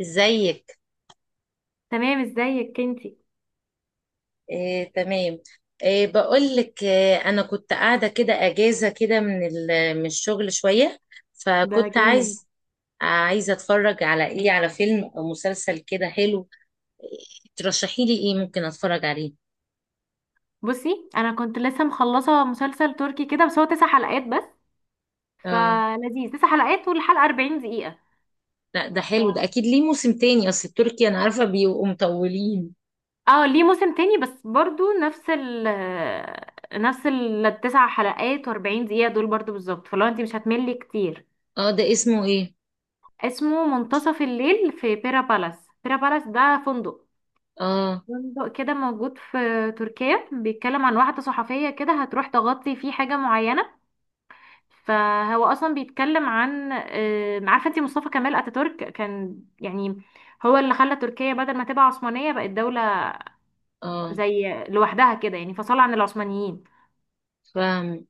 ازيك؟ تمام، ازيك انتي؟ إيه، تمام. إيه، بقول لك إيه، انا كنت قاعده كده اجازه كده من الشغل شويه. ده فكنت جامد. عايز عايزه اتفرج على على فيلم او مسلسل كده حلو. إيه، ترشحي لي ايه ممكن اتفرج عليه؟ بصي، انا كنت لسه مخلصه مسلسل تركي كده، بس هو 9 حلقات بس، اه. فلذيذ. 9 حلقات والحلقه 40 دقيقه. لا، ده ف... حلو ده، اكيد ليه موسم تاني، اصل التركي انا عارفه بيبقوا مطولين. اه ليه موسم تاني بس برضو نفس ال التسع حلقات و40 دقيقه دول برضو بالظبط، فلو انتي مش هتملي كتير. اه، ده اسمه ايه؟ اسمه منتصف الليل في بيرا بالاس. بيرا بالاس ده فندق، اه. فندق كده موجود في تركيا. بيتكلم عن واحده صحفيه كده، هتروح تغطي فيه حاجه معينه. فهو اصلا بيتكلم عن عارفه انت مصطفى كمال اتاتورك كان يعني هو اللي خلى تركيا بدل ما تبقى عثمانيه بقت دوله اه، زي لوحدها كده، يعني فصل عن العثمانيين. فاهم.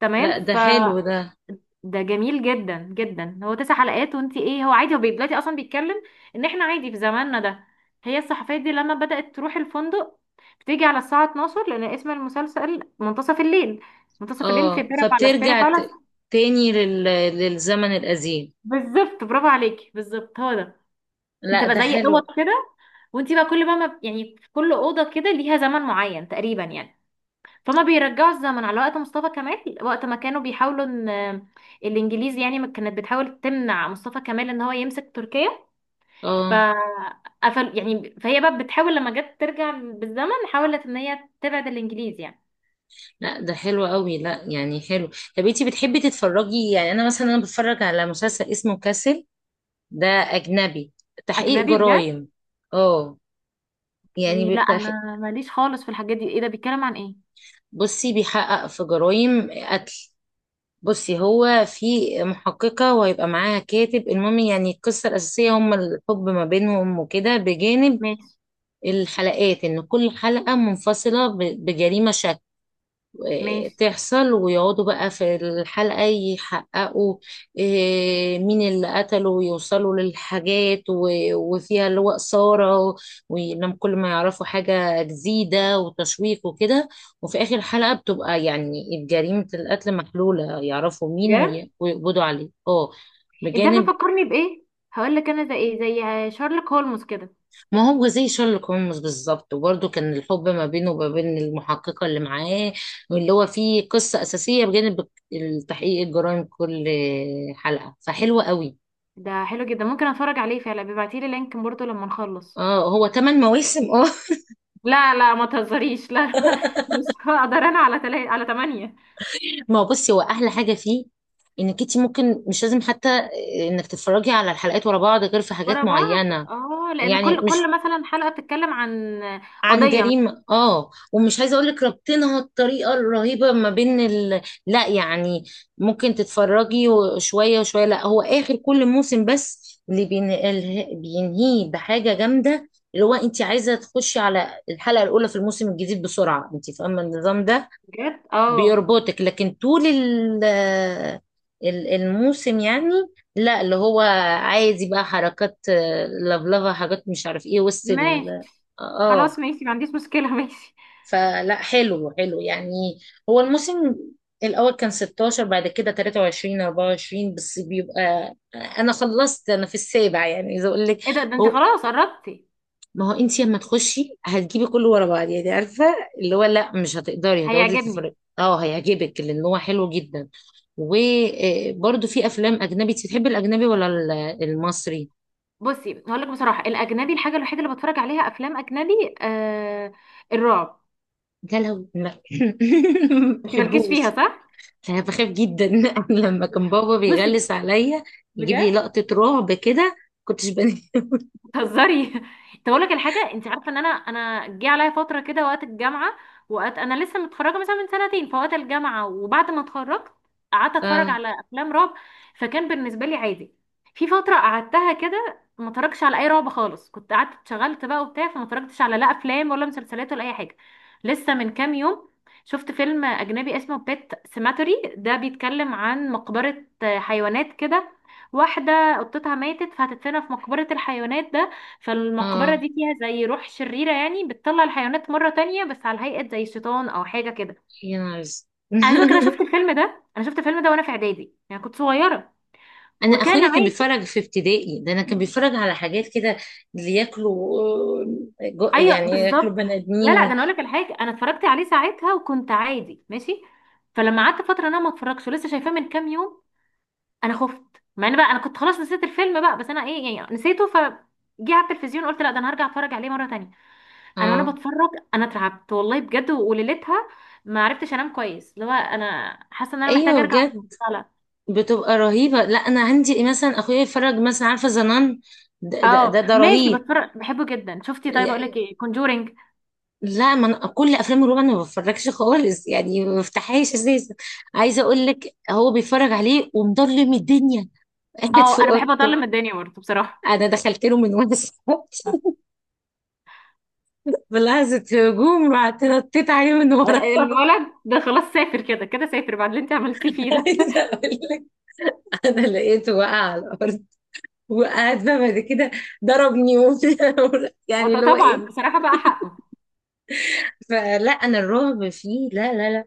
تمام لا، ده ف... حلو ده. ده جميل جدا جدا. هو 9 حلقات وانت ايه، هو عادي، هو دلوقتي اصلا بيتكلم ان احنا عادي في زماننا ده. هي الصحفيه دي لما بدات تروح الفندق بتيجي على الساعه 12، لان اسم المسلسل منتصف الليل. منتصف الليل في اه، بيرا بالاس. بيرا فبترجع بالاس ت- تاني لل... للزمن القديم. بالظبط، برافو عليكي، بالظبط هو ده. لا، بتبقى ده زي اوض حلو. كده، وانت بقى كل بقى ما يعني في كل اوضه كده ليها زمن معين تقريبا يعني. فما بيرجعوا الزمن على وقت مصطفى كمال، وقت ما كانوا بيحاولوا ان الانجليز يعني ما كانت بتحاول تمنع مصطفى كمال ان هو يمسك تركيا، اه. فقفل يعني. فهي بقى بتحاول لما جت ترجع بالزمن حاولت ان هي تبعد الانجليز يعني. لا، ده حلو قوي، لا يعني حلو. طب انتي بتحبي تتفرجي يعني؟ انا مثلا انا بتفرج على مسلسل اسمه كاسل، ده اجنبي، تحقيق اجنبي بجد؟ جرائم. اه، يعني لا بتح... انا ماليش خالص في الحاجات دي. ايه ده؟ بيتكلم عن ايه؟ بصي بيحقق في جرائم قتل. بصي، هو في محققة وهيبقى معاها كاتب، المهم يعني القصة الأساسية هما الحب ما بينهم وكده، بجانب ماشي. الحلقات، إن كل حلقة منفصلة بجريمة شكل ماشي. تحصل، ويقعدوا بقى في الحلقة يحققوا إيه، مين اللي قتله، ويوصلوا للحاجات وفيها اللي هو إثارة، ولما كل ما يعرفوا حاجة جديدة وتشويق وكده. وفي آخر حلقة بتبقى يعني جريمة القتل محلولة، يعرفوا مين بجد؟ ويقبضوا عليه. اه، انت بجانب. عارفه فكرني بايه؟ هقول لك انا زي ايه، زي شارلوك هولمز كده. ما هو زي شارلوك هولمز بالظبط، وبرده كان الحب ما بينه وما بين المحققة اللي معاه، واللي هو فيه قصة أساسية بجانب تحقيق الجرائم كل حلقة، فحلوة قوي. ده حلو جدا، ممكن اتفرج عليه فعلا. بيبعتي لي لينك برضه لما نخلص. اه، هو تمن مواسم، اه. لا لا، ما تهزريش، لا. مش هقدر انا على تمانية. ما هو بصي هو أحلى حاجة فيه إنك انتي ممكن مش لازم حتى إنك تتفرجي على الحلقات ورا بعض غير في حاجات ورا بعض؟ معينة. اه لان يعني كل مش كل مثلا حلقه بتتكلم عن عن قضيه مثلاً. جريمة، اه، ومش عايزة اقولك ربطنها الطريقة الرهيبة ما بين لا يعني ممكن تتفرجي وشوية وشوية. لا، هو اخر كل موسم بس اللي بينهيه بحاجة جامدة، اللي هو انت عايزة تخشي على الحلقة الاولى في الموسم الجديد بسرعة، انت فاهمة النظام ده، بجد؟ اه، بيربطك. لكن طول الموسم يعني لا، اللي هو عادي بقى، حركات، لفلفة، حاجات مش عارف ايه وسط ماشي. اه، خلاص ماشي، ما عنديش مشكله. ماشي. فلا، حلو، حلو يعني. هو الموسم الأول كان 16، بعد كده 23، 24، بس بيبقى أنا خلصت أنا في السابع يعني، إذا أقول لك. ايه ده؟ ده انت هو خلاص قربتي. ما هو أنت لما تخشي هتجيبي كله ورا بعض يعني، عارفة، اللي هو لا مش هتقدري، هتقعدي هيعجبني. تتفرجي. أه، هيعجبك لأن هو حلو جدا. وبرده في أفلام أجنبي، أنت بتحبي الأجنبي ولا المصري؟ بصي هقول لك بصراحه، الاجنبي الحاجه الوحيده اللي بتفرج عليها افلام اجنبي، الرعب. لا، لا، ما انت مالكيش فيها بحبوش. صح؟ انا بخاف جدا لما كان بابا بصي بيغلس عليا يجيب لي بجد. لقطة رعب كده كنتش بنام. بتهزري. طب اقول لك الحاجه، انت عارفه ان انا، جه عليا فتره كده وقت الجامعه، وقت انا لسه متخرجه مثلا من سنتين. فوقت الجامعه وبعد ما اتخرجت قعدت اتفرج اه. على افلام رعب، فكان بالنسبه لي عادي. في فتره قعدتها كده ما اتفرجش على اي رعب خالص، كنت قعدت اتشغلت بقى وبتاع، فما اتفرجتش على لا افلام ولا مسلسلات ولا اي حاجه. لسه من كام يوم شفت فيلم اجنبي اسمه بيت سيماتوري، ده بيتكلم عن مقبره حيوانات كده. واحده قطتها ماتت فهتدفنها في مقبره الحيوانات. فالمقبرة اه، دي فيها زي روح شريرة يعني، بتطلع الحيوانات مرة تانية بس على هيئة زي شيطان أو حاجة كده. يا نهار أسود. عايزة أقولك أنا شفت الفيلم ده، أنا شفت الفيلم ده وأنا في إعدادي يعني، كنت صغيرة انا وكان اخويا كان عادي. بيتفرج في ابتدائي ده، انا كان بيتفرج على حاجات كده اللي ياكلوا، أيوة يعني ياكلوا بالظبط. بني ادمين لا لا، ده أنا أقولك الحاجة، أنا اتفرجت عليه ساعتها وكنت عادي ماشي. فلما قعدت فترة أنا ما اتفرجش، ولسه شايفاه من كام يوم، أنا خفت. مع إن بقى أنا كنت خلاص نسيت الفيلم بقى، بس أنا إيه يعني، نسيته. ف جه على التلفزيون قلت لا ده أنا هرجع أتفرج عليه مرة تانية. انا وانا اه. بتفرج انا اترعبت والله بجد، وليلتها ما عرفتش انام كويس، اللي هو انا حاسه ان انا محتاجه ايوه، ارجع بجد أطلع. بتبقى رهيبه. لا، انا عندي مثلا اخويا يتفرج مثلا، عارفه زنان؟ ده، ده اه ده, ده ماشي، رهيب. بتفرج، بحبه جدا. شفتي؟ طيب اقول لك ايه، كونجورينج. لا، ما انا كل افلام الرعب انا ما بتفرجش خالص يعني، ما بفتحهاش اساسا. عايزه اقول لك، هو بيتفرج عليه ومضلم الدنيا قاعد في اه انا بحب اوضته. اضلم الدنيا برضه بصراحه. انا دخلت له من وانا صغيرة بلحظه هجوم رحت نطيت عليه من ورا. الولد ده خلاص سافر، كده كده سافر بعد اللي انت عملتيه فيه ده. عايزه اقول لك، انا لقيته واقع على الارض، وقعد بقى بعد كده ضربني يعني اللي هو طبعا ايه. بصراحه بقى حقه. فلا، انا الرعب فيه لا، لا، لا،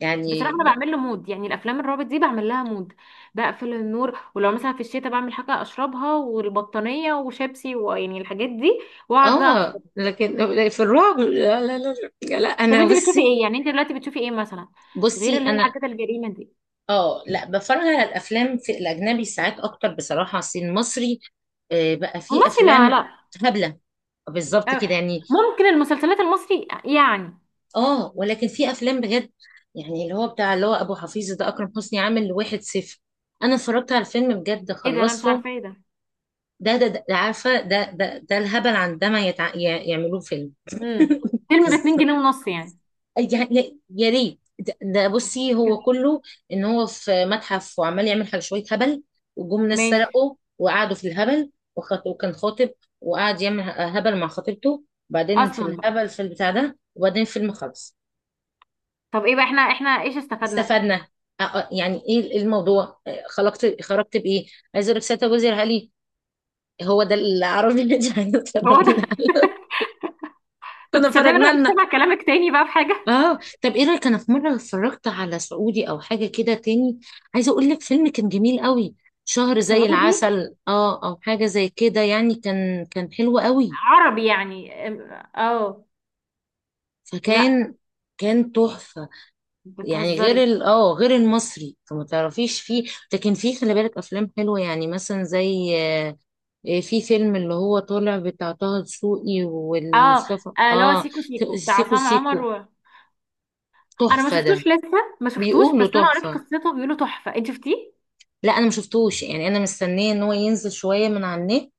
يعني بصراحه انا لا. بعمل له مود، يعني الافلام الرابط دي بعمل لها مود. بقفل النور، ولو مثلا في الشتاء بعمل حاجه اشربها والبطانيه وشيبسي، ويعني الحاجات دي، واقعد بقى. اه، لكن في الرعب لا، لا، لا. لا طب انا انت بتشوفي بصي، ايه يعني؟ انت دلوقتي بتشوفي ايه مثلا، غير بصي اللي هي انا، الحاجات الجريمه دي؟ اه لا، بتفرج على الافلام في الاجنبي ساعات اكتر بصراحه. أصل المصري، بقى فيه المصري ما افلام لا. هبله بالظبط اه، كده يعني. ممكن المسلسلات المصري يعني. اه، ولكن في افلام بجد يعني، اللي هو بتاع اللي هو ابو حفيظ ده، اكرم حسني عامل واحد صفر، انا اتفرجت على الفيلم بجد، ايه ده؟ انا مش خلصته. عارفه ايه ده. ده, عارفه؟ ده الهبل عندما يعملوه فيلم. امم فيلم ب 2 جنيه ونص يعني. يعني يا ريت، ده بصي هو كله ان هو في متحف وعمال يعمل حاجه شويه هبل، وجم ناس ماشي. سرقوا وقعدوا في الهبل، وكان خاطب، وقعد يعمل هبل مع خطيبته، بعدين في اصلا بقى. الهبل في البتاع ده، وبعدين فيلم خلص. طب ايه بقى، احنا احنا ايش استفدنا؟ استفدنا يعني ايه الموضوع، خلقت خرجت بايه. عايزه اقول لك سيادة وزير علي، هو ده العربي اللي عايزه هو ده. تفرجينا طب كنا تصدقني انا فرجنا مش لنا. سامع كلامك؟ تاني بقى في حاجه. اه، طب ايه رايك، انا في مره اتفرجت على سعودي او حاجه كده تاني. عايزه اقول لك فيلم كان جميل قوي، شهر زي سعودي؟ العسل اه، او حاجه زي كده يعني، كان كان حلو قوي. عربي يعني اه. لا، فكان كان تحفه يعني، غير بتهزري. ال اه غير المصري، فما تعرفيش فيه. لكن فيه خلي بالك افلام حلوه يعني، مثلا زي في فيلم اللي هو طالع بتاع طه دسوقي اه. والمصطفى، اه، اللي هو اه. سيكو سيكو بتاع سيكو عصام سيكو عمر. انا ما تحفه ده، شفتوش لسه. ما شفتوش بيقولوا بس انا قريت تحفه. قصته، بيقولوا تحفه. انت شفتيه؟ لا انا ما شفتوش، يعني انا مستنيه ان هو ينزل شويه من على النت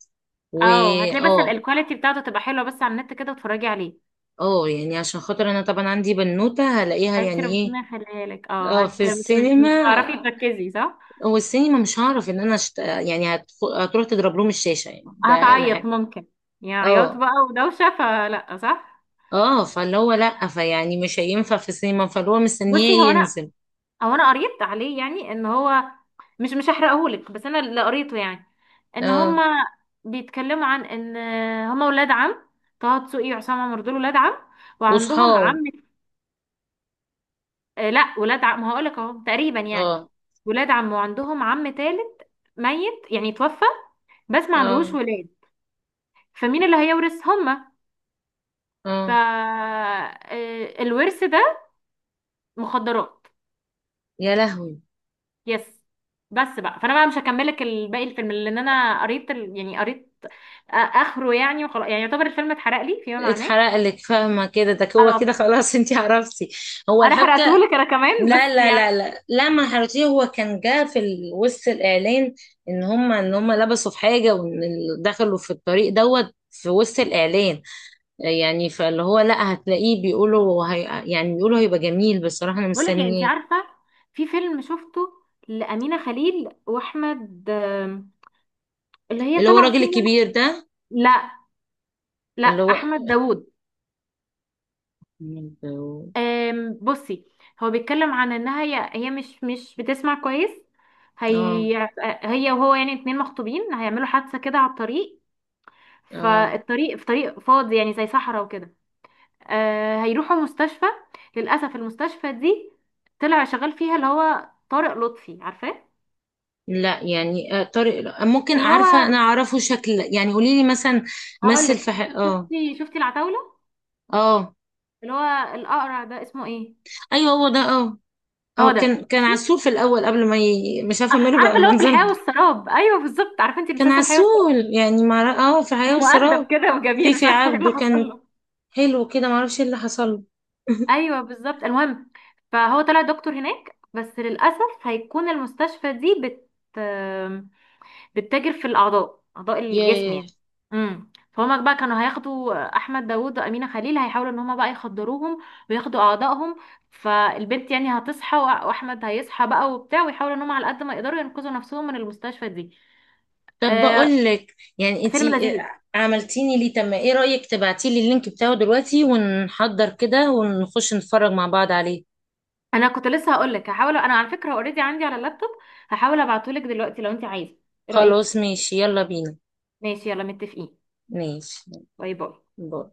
و اه هتلاقي بس اه. الكواليتي بتاعته تبقى حلوه بس على النت كده وتتفرجي عليه. اه، يعني عشان خاطر انا طبعا عندي بنوته هلاقيها فانت يعني ايه. ربنا يخليها لك، اه، اه، في مش مش السينما. مش هتعرفي تركزي صح. هو السينما مش هعرف ان انا هتروح تضرب لهم الشاشه يعني، ده هتعيط الحاجه. ممكن، يعني عياط اه. بقى ودوشه، فلا صح. اه، فاللي هو لا فيعني مش هينفع في السينما، فاللي هو بصي هو مستنيه انا، ينزل. هو انا قريت عليه يعني، ان هو مش هحرقهولك، بس انا اللي قريته يعني، ان اه، هما بيتكلموا عن ان هما ولاد عم. طه دسوقي وعصام عمر دول ولاد عم، وعندهم وصحاب. عم. آه لا، ولاد عم، ما هقولك اهو تقريبا يعني. اه. ولاد عم وعندهم عم تالت، ميت يعني توفى، بس ما عندهوش اه. ولاد. فمين اللي هيورث هما؟ ف اه، الورث ده مخدرات. يا لهوي. يس. بس بقى، فانا بقى مش هكملك الباقي الفيلم، لان انا قريت يعني قريت اخره يعني وخلاص، يعني يعتبر الفيلم اتحرق لي فيما معناه. اتحرق لك، فاهمه كده، ده هو كده اه، خلاص. انتي عرفتي هو انا الحبكه. حرقتهولك انا كمان لا، بس لا، يعني. لا، لا، لا، ما حرتيه، هو كان جه في وسط الاعلان، ان هم ان هم لبسوا في حاجه وان دخلوا في الطريق دوت في وسط الاعلان، يعني فاللي هو لا هتلاقيه بيقولوا هي، يعني بيقولوا هيبقى جميل بصراحه، انا بقول لك، انت مستنياه. عارفه، في فيلم شفته لأمينة خليل وأحمد، اللي هي اللي هو طالعه الراجل فيه إنها- الكبير ده. لا لا، اللي هو، احمد داوود. بصي، هو بيتكلم عن انها هي مش بتسمع كويس. اه. هي، هي وهو يعني اتنين مخطوبين، هيعملوا حادثه كده على الطريق. اه، فالطريق في طريق فاضي يعني زي صحراء وكده. هيروحوا مستشفى. للاسف المستشفى دي طلع شغال فيها اللي هو طارق لطفي، عارفاه؟ لا يعني طارق ممكن اللي عارفه، انا هو، اعرفه شكل يعني، قولي لي مثلا. هقول مثل في لك، شفتي، شفتي العتاوله؟ اه. اللي هو الاقرع ده اسمه ايه؟ ايوه، هو ده، اه. هو اه، ده، كان كان ماشي. عسول في الاول قبل ما مش عارفه ماله عارفه بقى اللي هو في الحياه منظرهم. والسراب، ايوه بالظبط، عارفه انت كان مسلسل الحياه والسراب؟ عسول يعني مع اه في كان حياه مؤدب وسراب. كده في وجميل، مش في عارفه ايه اللي عبده حصل كان له. حلو كده، ما اعرفش ايه اللي حصل له. ايوه بالظبط. المهم، فهو طلع دكتور هناك، بس للاسف هيكون المستشفى دي بتتاجر في الاعضاء، اعضاء الجسم ياه. يعني. امم. فهما بقى كانوا هياخدوا احمد داوود وامينه خليل، هيحاولوا ان هما بقى يخدروهم وياخدوا اعضائهم. فالبنت يعني هتصحى، واحمد هيصحى بقى وبتاع، ويحاولوا ان هما على قد ما يقدروا ينقذوا نفسهم من المستشفى دي. طب آه، بقول لك يعني فيلم انتي لذيذ. عملتيني ليه، طب ما ايه رايك تبعتي لي اللينك بتاعه دلوقتي ونحضر كده ونخش نتفرج مع بعض عليه. انا كنت لسه هقول لك، هحاول انا على فكره، اوريدي عندي على اللابتوب، هحاول ابعته لك دلوقتي لو انت عايزه. ايه رايك؟ خلاص ماشي يلا بينا. ماشي، يلا متفقين. ماشي، باي باي. باي.